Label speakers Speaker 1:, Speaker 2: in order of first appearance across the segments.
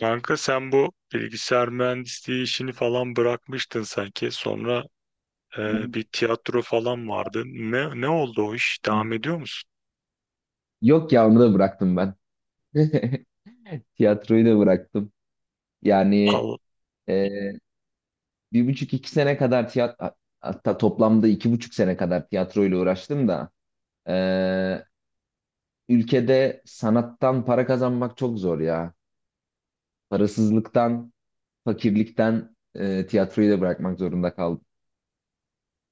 Speaker 1: Kanka sen bu bilgisayar mühendisliği işini falan bırakmıştın sanki. Sonra bir tiyatro falan vardı. Ne oldu o iş? Devam ediyor musun?
Speaker 2: Yok ya onu da bıraktım ben. Tiyatroyu da bıraktım. Yani
Speaker 1: Al,
Speaker 2: e, bir buçuk iki sene kadar tiyatro, hatta toplamda 2,5 sene kadar tiyatroyla uğraştım da e, ülkede sanattan para kazanmak çok zor ya. Parasızlıktan, fakirlikten tiyatroyu da bırakmak zorunda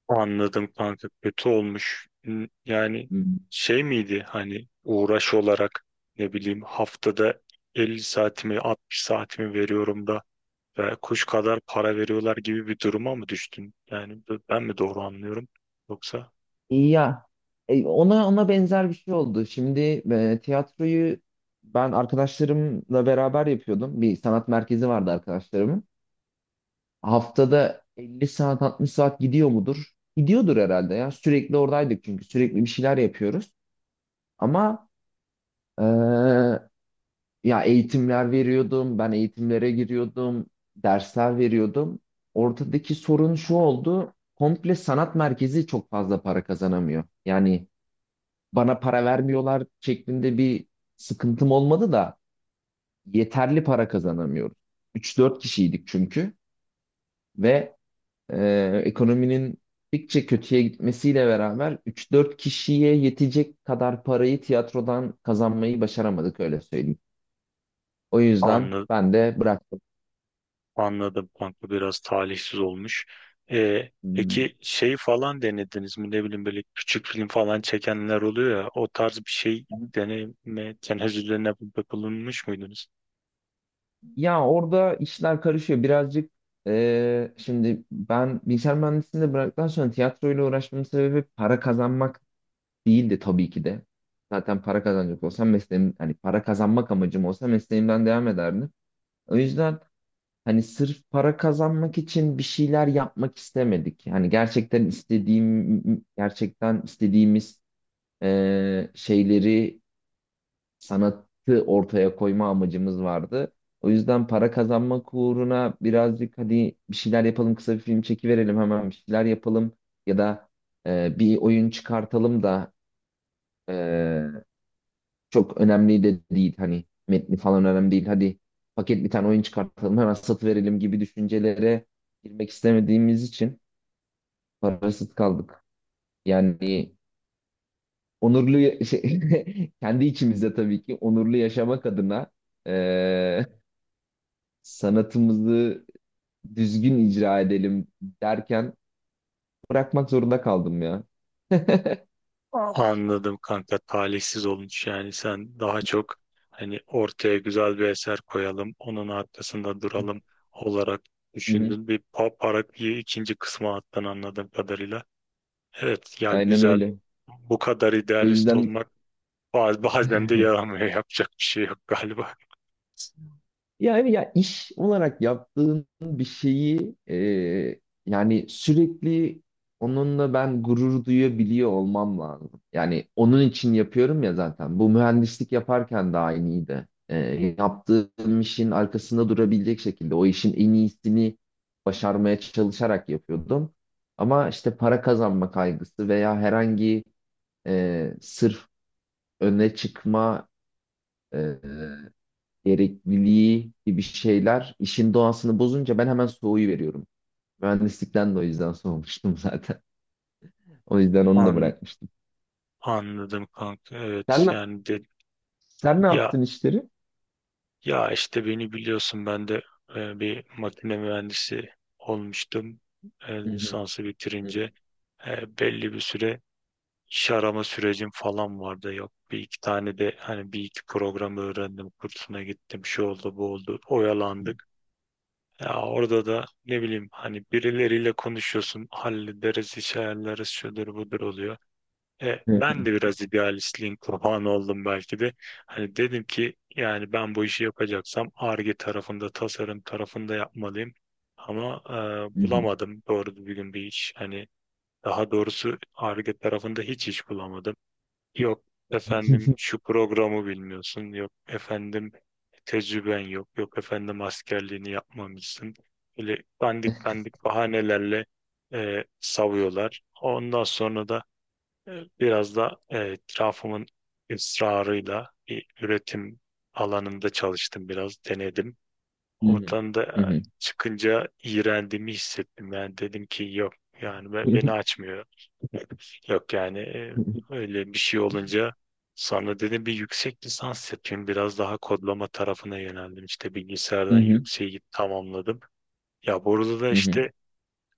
Speaker 1: anladım kanka. Kötü olmuş. Yani
Speaker 2: kaldım.
Speaker 1: şey miydi hani uğraş olarak ne bileyim haftada 50 saatimi 60 saatimi veriyorum da ve kuş kadar para veriyorlar gibi bir duruma mı düştün? Yani ben mi doğru anlıyorum? Yoksa
Speaker 2: Ya ona benzer bir şey oldu. Şimdi tiyatroyu ben arkadaşlarımla beraber yapıyordum. Bir sanat merkezi vardı arkadaşlarımın. Haftada 50 saat, 60 saat gidiyor mudur? Gidiyordur herhalde ya. Sürekli oradaydık çünkü sürekli bir şeyler yapıyoruz. Ama e, ya eğitimler veriyordum, ben eğitimlere giriyordum, dersler veriyordum. Ortadaki sorun şu oldu. Komple sanat merkezi çok fazla para kazanamıyor. Yani bana para vermiyorlar şeklinde bir sıkıntım olmadı da yeterli para kazanamıyoruz. Üç dört kişiydik çünkü, ve ekonominin gittikçe kötüye gitmesiyle beraber üç dört kişiye yetecek kadar parayı tiyatrodan kazanmayı başaramadık, öyle söyleyeyim. O yüzden ben de bıraktım.
Speaker 1: anladım kanka, biraz talihsiz olmuş.
Speaker 2: Hmm.
Speaker 1: Peki şey falan denediniz mi, ne bileyim böyle küçük film falan çekenler oluyor ya, o tarz bir şey deneme tenezzüllerine bulunmuş muydunuz?
Speaker 2: Ya orada işler karışıyor birazcık. Şimdi ben bilgisayar mühendisliğini de bıraktıktan sonra tiyatroyla uğraşmamın sebebi para kazanmak değildi tabii ki de. Zaten para kazanacak olsam mesleğim, hani para kazanmak amacım olsa mesleğimden devam ederdim. O yüzden hani sırf para kazanmak için bir şeyler yapmak istemedik. Yani gerçekten istediğimiz şeyleri, sanatı ortaya koyma amacımız vardı. O yüzden para kazanmak uğruna birazcık, hadi bir şeyler yapalım, kısa bir film çekiverelim, hemen bir şeyler yapalım ya da bir oyun çıkartalım da çok önemli de değil, hani metni falan önemli değil. Hadi paket bir tane oyun çıkartalım, hemen satıverelim gibi düşüncelere girmek istemediğimiz için parasız kaldık. Yani onurlu, kendi içimizde tabii ki onurlu yaşamak adına eee, sanatımızı düzgün icra edelim derken bırakmak zorunda kaldım ya.
Speaker 1: Aa, anladım kanka, talihsiz olmuş. Yani sen daha çok hani ortaya güzel bir eser koyalım, onun arkasında duralım olarak
Speaker 2: Hı hı.
Speaker 1: düşündün, bir para bir ikinci kısma attın anladığım kadarıyla. Evet ya,
Speaker 2: Aynen
Speaker 1: güzel,
Speaker 2: öyle.
Speaker 1: bu kadar
Speaker 2: O
Speaker 1: idealist
Speaker 2: yüzden.
Speaker 1: olmak bazen de yaramıyor. Yapacak bir şey yok galiba.
Speaker 2: Yani ya iş olarak yaptığın bir şeyi, yani sürekli onunla ben gurur duyabiliyor olmam lazım. Yani onun için yapıyorum ya zaten. Bu mühendislik yaparken de aynıydı. Yaptığım işin arkasında durabilecek şekilde o işin en iyisini başarmaya çalışarak yapıyordum. Ama işte para kazanma kaygısı veya herhangi sırf öne çıkma gerekliliği gibi şeyler işin doğasını bozunca ben hemen soğuyu veriyorum. Mühendislikten de o yüzden soğumuştum zaten. O yüzden onu da
Speaker 1: An,
Speaker 2: bırakmıştım.
Speaker 1: Anladım kanka. Evet,
Speaker 2: Sen ne,
Speaker 1: yani de,
Speaker 2: sen ne
Speaker 1: ya
Speaker 2: yaptın işleri?
Speaker 1: ya işte beni biliyorsun, ben de bir makine mühendisi olmuştum.
Speaker 2: Hı hı,
Speaker 1: Lisansı
Speaker 2: hı hı,
Speaker 1: bitirince belli bir süre iş arama sürecim falan vardı. Yok, bir iki tane de hani bir iki programı öğrendim, kursuna gittim. Şu oldu, bu oldu, oyalandık. Ya orada da ne bileyim, hani birileriyle konuşuyorsun, hallederiz, iş ayarlarız, şudur budur oluyor.
Speaker 2: hı hı,
Speaker 1: Ben de biraz idealistliğin kurbanı oldum belki de. Hani dedim ki, yani ben bu işi yapacaksam Ar-Ge tarafında, tasarım tarafında yapmalıyım. Ama
Speaker 2: hı hı,
Speaker 1: bulamadım doğru düzgün bir iş. Hani, daha doğrusu Ar-Ge tarafında hiç iş bulamadım. Yok efendim, şu programı bilmiyorsun. Yok efendim, tecrüben yok. Yok efendim, askerliğini yapmamışsın. Böyle dandik dandik bahanelerle savuyorlar. Ondan sonra da biraz da etrafımın ısrarıyla bir üretim alanında çalıştım, biraz denedim.
Speaker 2: hı hı,
Speaker 1: Oradan da
Speaker 2: hı hı,
Speaker 1: çıkınca iğrendiğimi hissettim. Yani dedim ki, yok yani beni açmıyor. Yok yani,
Speaker 2: hı
Speaker 1: öyle bir şey olunca sonra dedim bir yüksek lisans yapayım. Biraz daha kodlama tarafına yöneldim. İşte bilgisayardan
Speaker 2: hı,
Speaker 1: yükseği tamamladım. Ya burada da
Speaker 2: hı hı,
Speaker 1: işte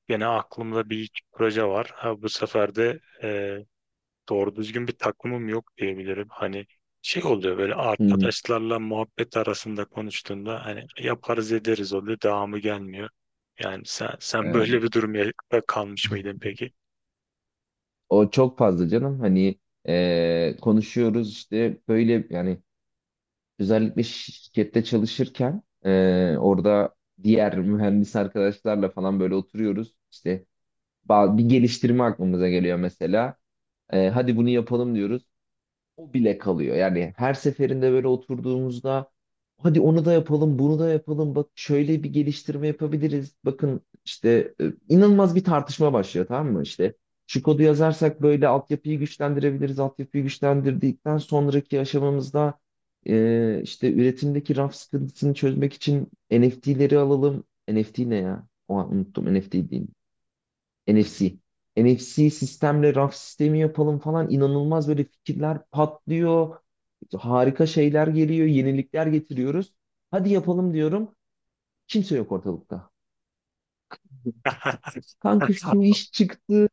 Speaker 1: gene aklımda bir iki proje var. Ha, bu sefer de doğru düzgün bir takımım yok diyebilirim. Hani şey oluyor, böyle
Speaker 2: hı hı.
Speaker 1: arkadaşlarla muhabbet arasında konuştuğunda hani yaparız ederiz oluyor, devamı gelmiyor. Yani sen
Speaker 2: Evet.
Speaker 1: böyle bir durumda kalmış mıydın peki?
Speaker 2: O çok fazla canım. Hani konuşuyoruz işte, böyle yani özellikle şirkette çalışırken orada diğer mühendis arkadaşlarla falan böyle oturuyoruz. İşte bir geliştirme aklımıza geliyor mesela. Hadi bunu yapalım diyoruz. O bile kalıyor. Yani her seferinde böyle oturduğumuzda hadi onu da yapalım, bunu da yapalım. Bak şöyle bir geliştirme yapabiliriz. Bakın işte inanılmaz bir tartışma başlıyor, tamam mı? İşte şu kodu yazarsak böyle altyapıyı güçlendirebiliriz. Altyapıyı güçlendirdikten sonraki aşamamızda işte üretimdeki raf sıkıntısını çözmek için NFT'leri alalım. NFT ne ya? O an unuttum. NFT değil. NFC. NFC sistemle raf sistemi yapalım falan, inanılmaz böyle fikirler patlıyor. Harika şeyler geliyor, yenilikler getiriyoruz. Hadi yapalım diyorum. Kimse yok ortalıkta. Kanka şu iş çıktı.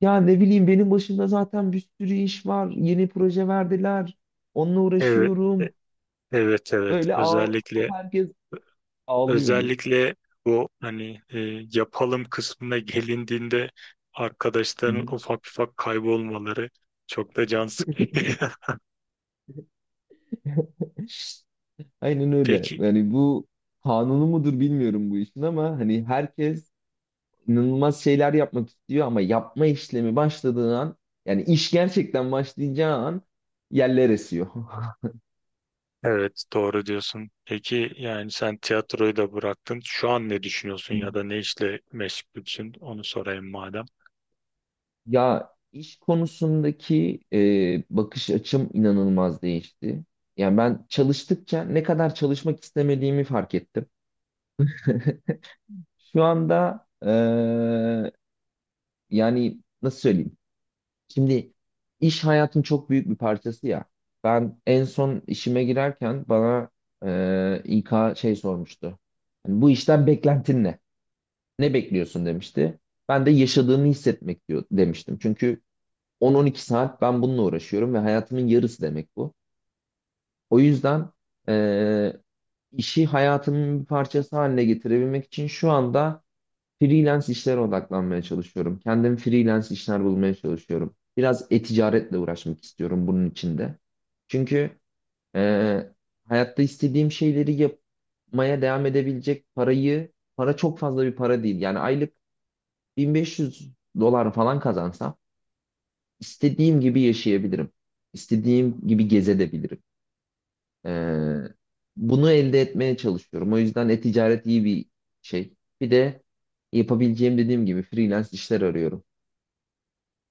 Speaker 2: Ya ne bileyim benim başımda zaten bir sürü iş var. Yeni proje verdiler. Onunla
Speaker 1: Evet,
Speaker 2: uğraşıyorum.
Speaker 1: evet, evet.
Speaker 2: Böyle
Speaker 1: Özellikle
Speaker 2: herkes ağlıyordu.
Speaker 1: özellikle bu hani yapalım kısmına gelindiğinde
Speaker 2: Hı
Speaker 1: arkadaşların
Speaker 2: hı.
Speaker 1: ufak ufak kaybolmaları çok da can sıkıcı.
Speaker 2: Aynen öyle.
Speaker 1: Peki
Speaker 2: Yani bu kanunu mudur bilmiyorum bu işin, ama hani herkes inanılmaz şeyler yapmak istiyor ama yapma işlemi başladığı an, yani iş gerçekten başlayacağı an yerler esiyor.
Speaker 1: Evet, doğru diyorsun. Peki yani sen tiyatroyu da bıraktın. Şu an ne düşünüyorsun ya da ne işle meşgulsün? Onu sorayım madem.
Speaker 2: Ya iş konusundaki bakış açım inanılmaz değişti. Yani ben çalıştıkça ne kadar çalışmak istemediğimi fark ettim. Şu anda yani nasıl söyleyeyim? Şimdi iş hayatın çok büyük bir parçası ya. Ben en son işime girerken bana İK sormuştu. Hani bu işten beklentin ne? Ne bekliyorsun demişti. Ben de yaşadığını hissetmek diyor, demiştim. Çünkü 10-12 saat ben bununla uğraşıyorum ve hayatımın yarısı demek bu. O yüzden e, işi hayatımın bir parçası haline getirebilmek için şu anda freelance işlere odaklanmaya çalışıyorum. Kendim freelance işler bulmaya çalışıyorum. Biraz e-ticaretle uğraşmak istiyorum bunun içinde. Çünkü e, hayatta istediğim şeyleri yapmaya devam edebilecek parayı, para çok fazla bir para değil. Yani aylık 1500 dolar falan kazansam istediğim gibi yaşayabilirim. İstediğim gibi gezebilirim. E, bunu elde etmeye çalışıyorum. O yüzden e-ticaret iyi bir şey. Bir de yapabileceğim, dediğim gibi, freelance işler arıyorum.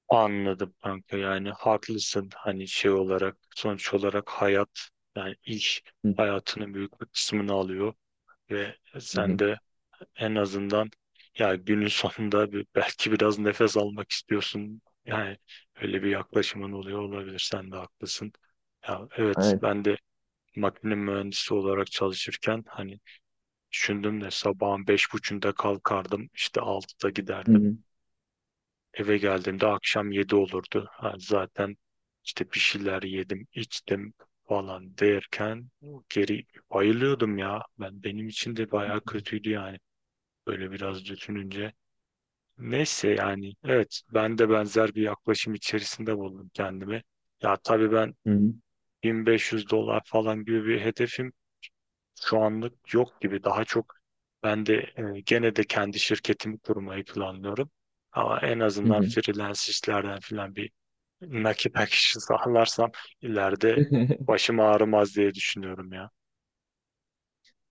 Speaker 1: Anladım kanka, yani haklısın, hani şey olarak, sonuç olarak hayat, yani iş
Speaker 2: Hı hı,
Speaker 1: hayatının büyük bir kısmını alıyor ve
Speaker 2: hı
Speaker 1: sen
Speaker 2: hı.
Speaker 1: de en azından, ya günün sonunda bir, belki biraz nefes almak istiyorsun. Yani öyle bir yaklaşımın oluyor olabilir, sen de haklısın. Ya evet,
Speaker 2: Evet.
Speaker 1: ben de makine mühendisi olarak çalışırken hani düşündüm de sabahın beş buçuğunda kalkardım, işte altıda
Speaker 2: Hı
Speaker 1: giderdim,
Speaker 2: hı,
Speaker 1: eve geldiğimde akşam yedi olurdu. Ha, zaten işte bir şeyler yedim içtim falan derken geri bayılıyordum ya. Ben, benim için de bayağı kötüydü yani, böyle biraz düşününce. Neyse, yani evet, ben de benzer bir yaklaşım içerisinde buldum kendimi. Ya tabii ben
Speaker 2: hı hı,
Speaker 1: 1500 dolar falan gibi bir hedefim şu anlık yok gibi. Daha çok ben de gene de kendi şirketimi kurmayı planlıyorum. Ama en
Speaker 2: hı
Speaker 1: azından
Speaker 2: hı.
Speaker 1: freelance işlerden filan bir nakit akışı sağlarsam ileride başım ağrımaz diye düşünüyorum ya.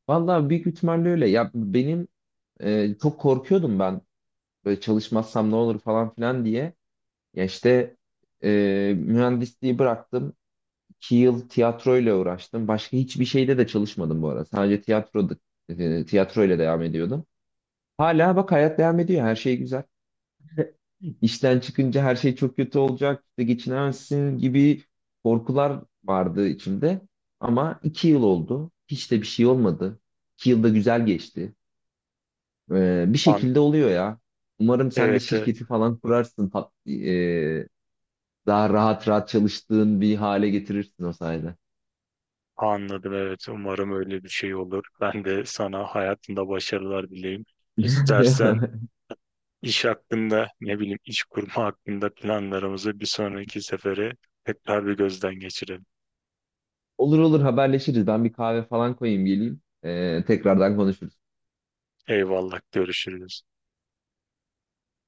Speaker 2: Vallahi büyük ihtimalle öyle. Ya benim çok korkuyordum ben böyle çalışmazsam ne olur falan filan diye. Ya işte e, mühendisliği bıraktım. 2 yıl tiyatroyla uğraştım. Başka hiçbir şeyde de çalışmadım bu arada. Sadece tiyatroyla devam ediyordum. Hala bak hayat devam ediyor. Her şey güzel. İşten çıkınca her şey çok kötü olacak, işte geçinemezsin gibi korkular vardı içimde. Ama 2 yıl oldu. Hiç de bir şey olmadı. 2 yılda güzel geçti. Bir
Speaker 1: An
Speaker 2: şekilde oluyor ya. Umarım sen de
Speaker 1: evet, evet,
Speaker 2: şirketi falan kurarsın. Daha rahat rahat çalıştığın bir hale getirirsin o sayede.
Speaker 1: anladım. Evet, umarım öyle bir şey olur. Ben de sana hayatında başarılar dileyim. İstersen iş hakkında, ne bileyim, iş kurma hakkında planlarımızı bir sonraki sefere tekrar bir gözden geçirelim.
Speaker 2: Olur olur haberleşiriz. Ben bir kahve falan koyayım geleyim. Tekrardan konuşuruz.
Speaker 1: Eyvallah, görüşürüz.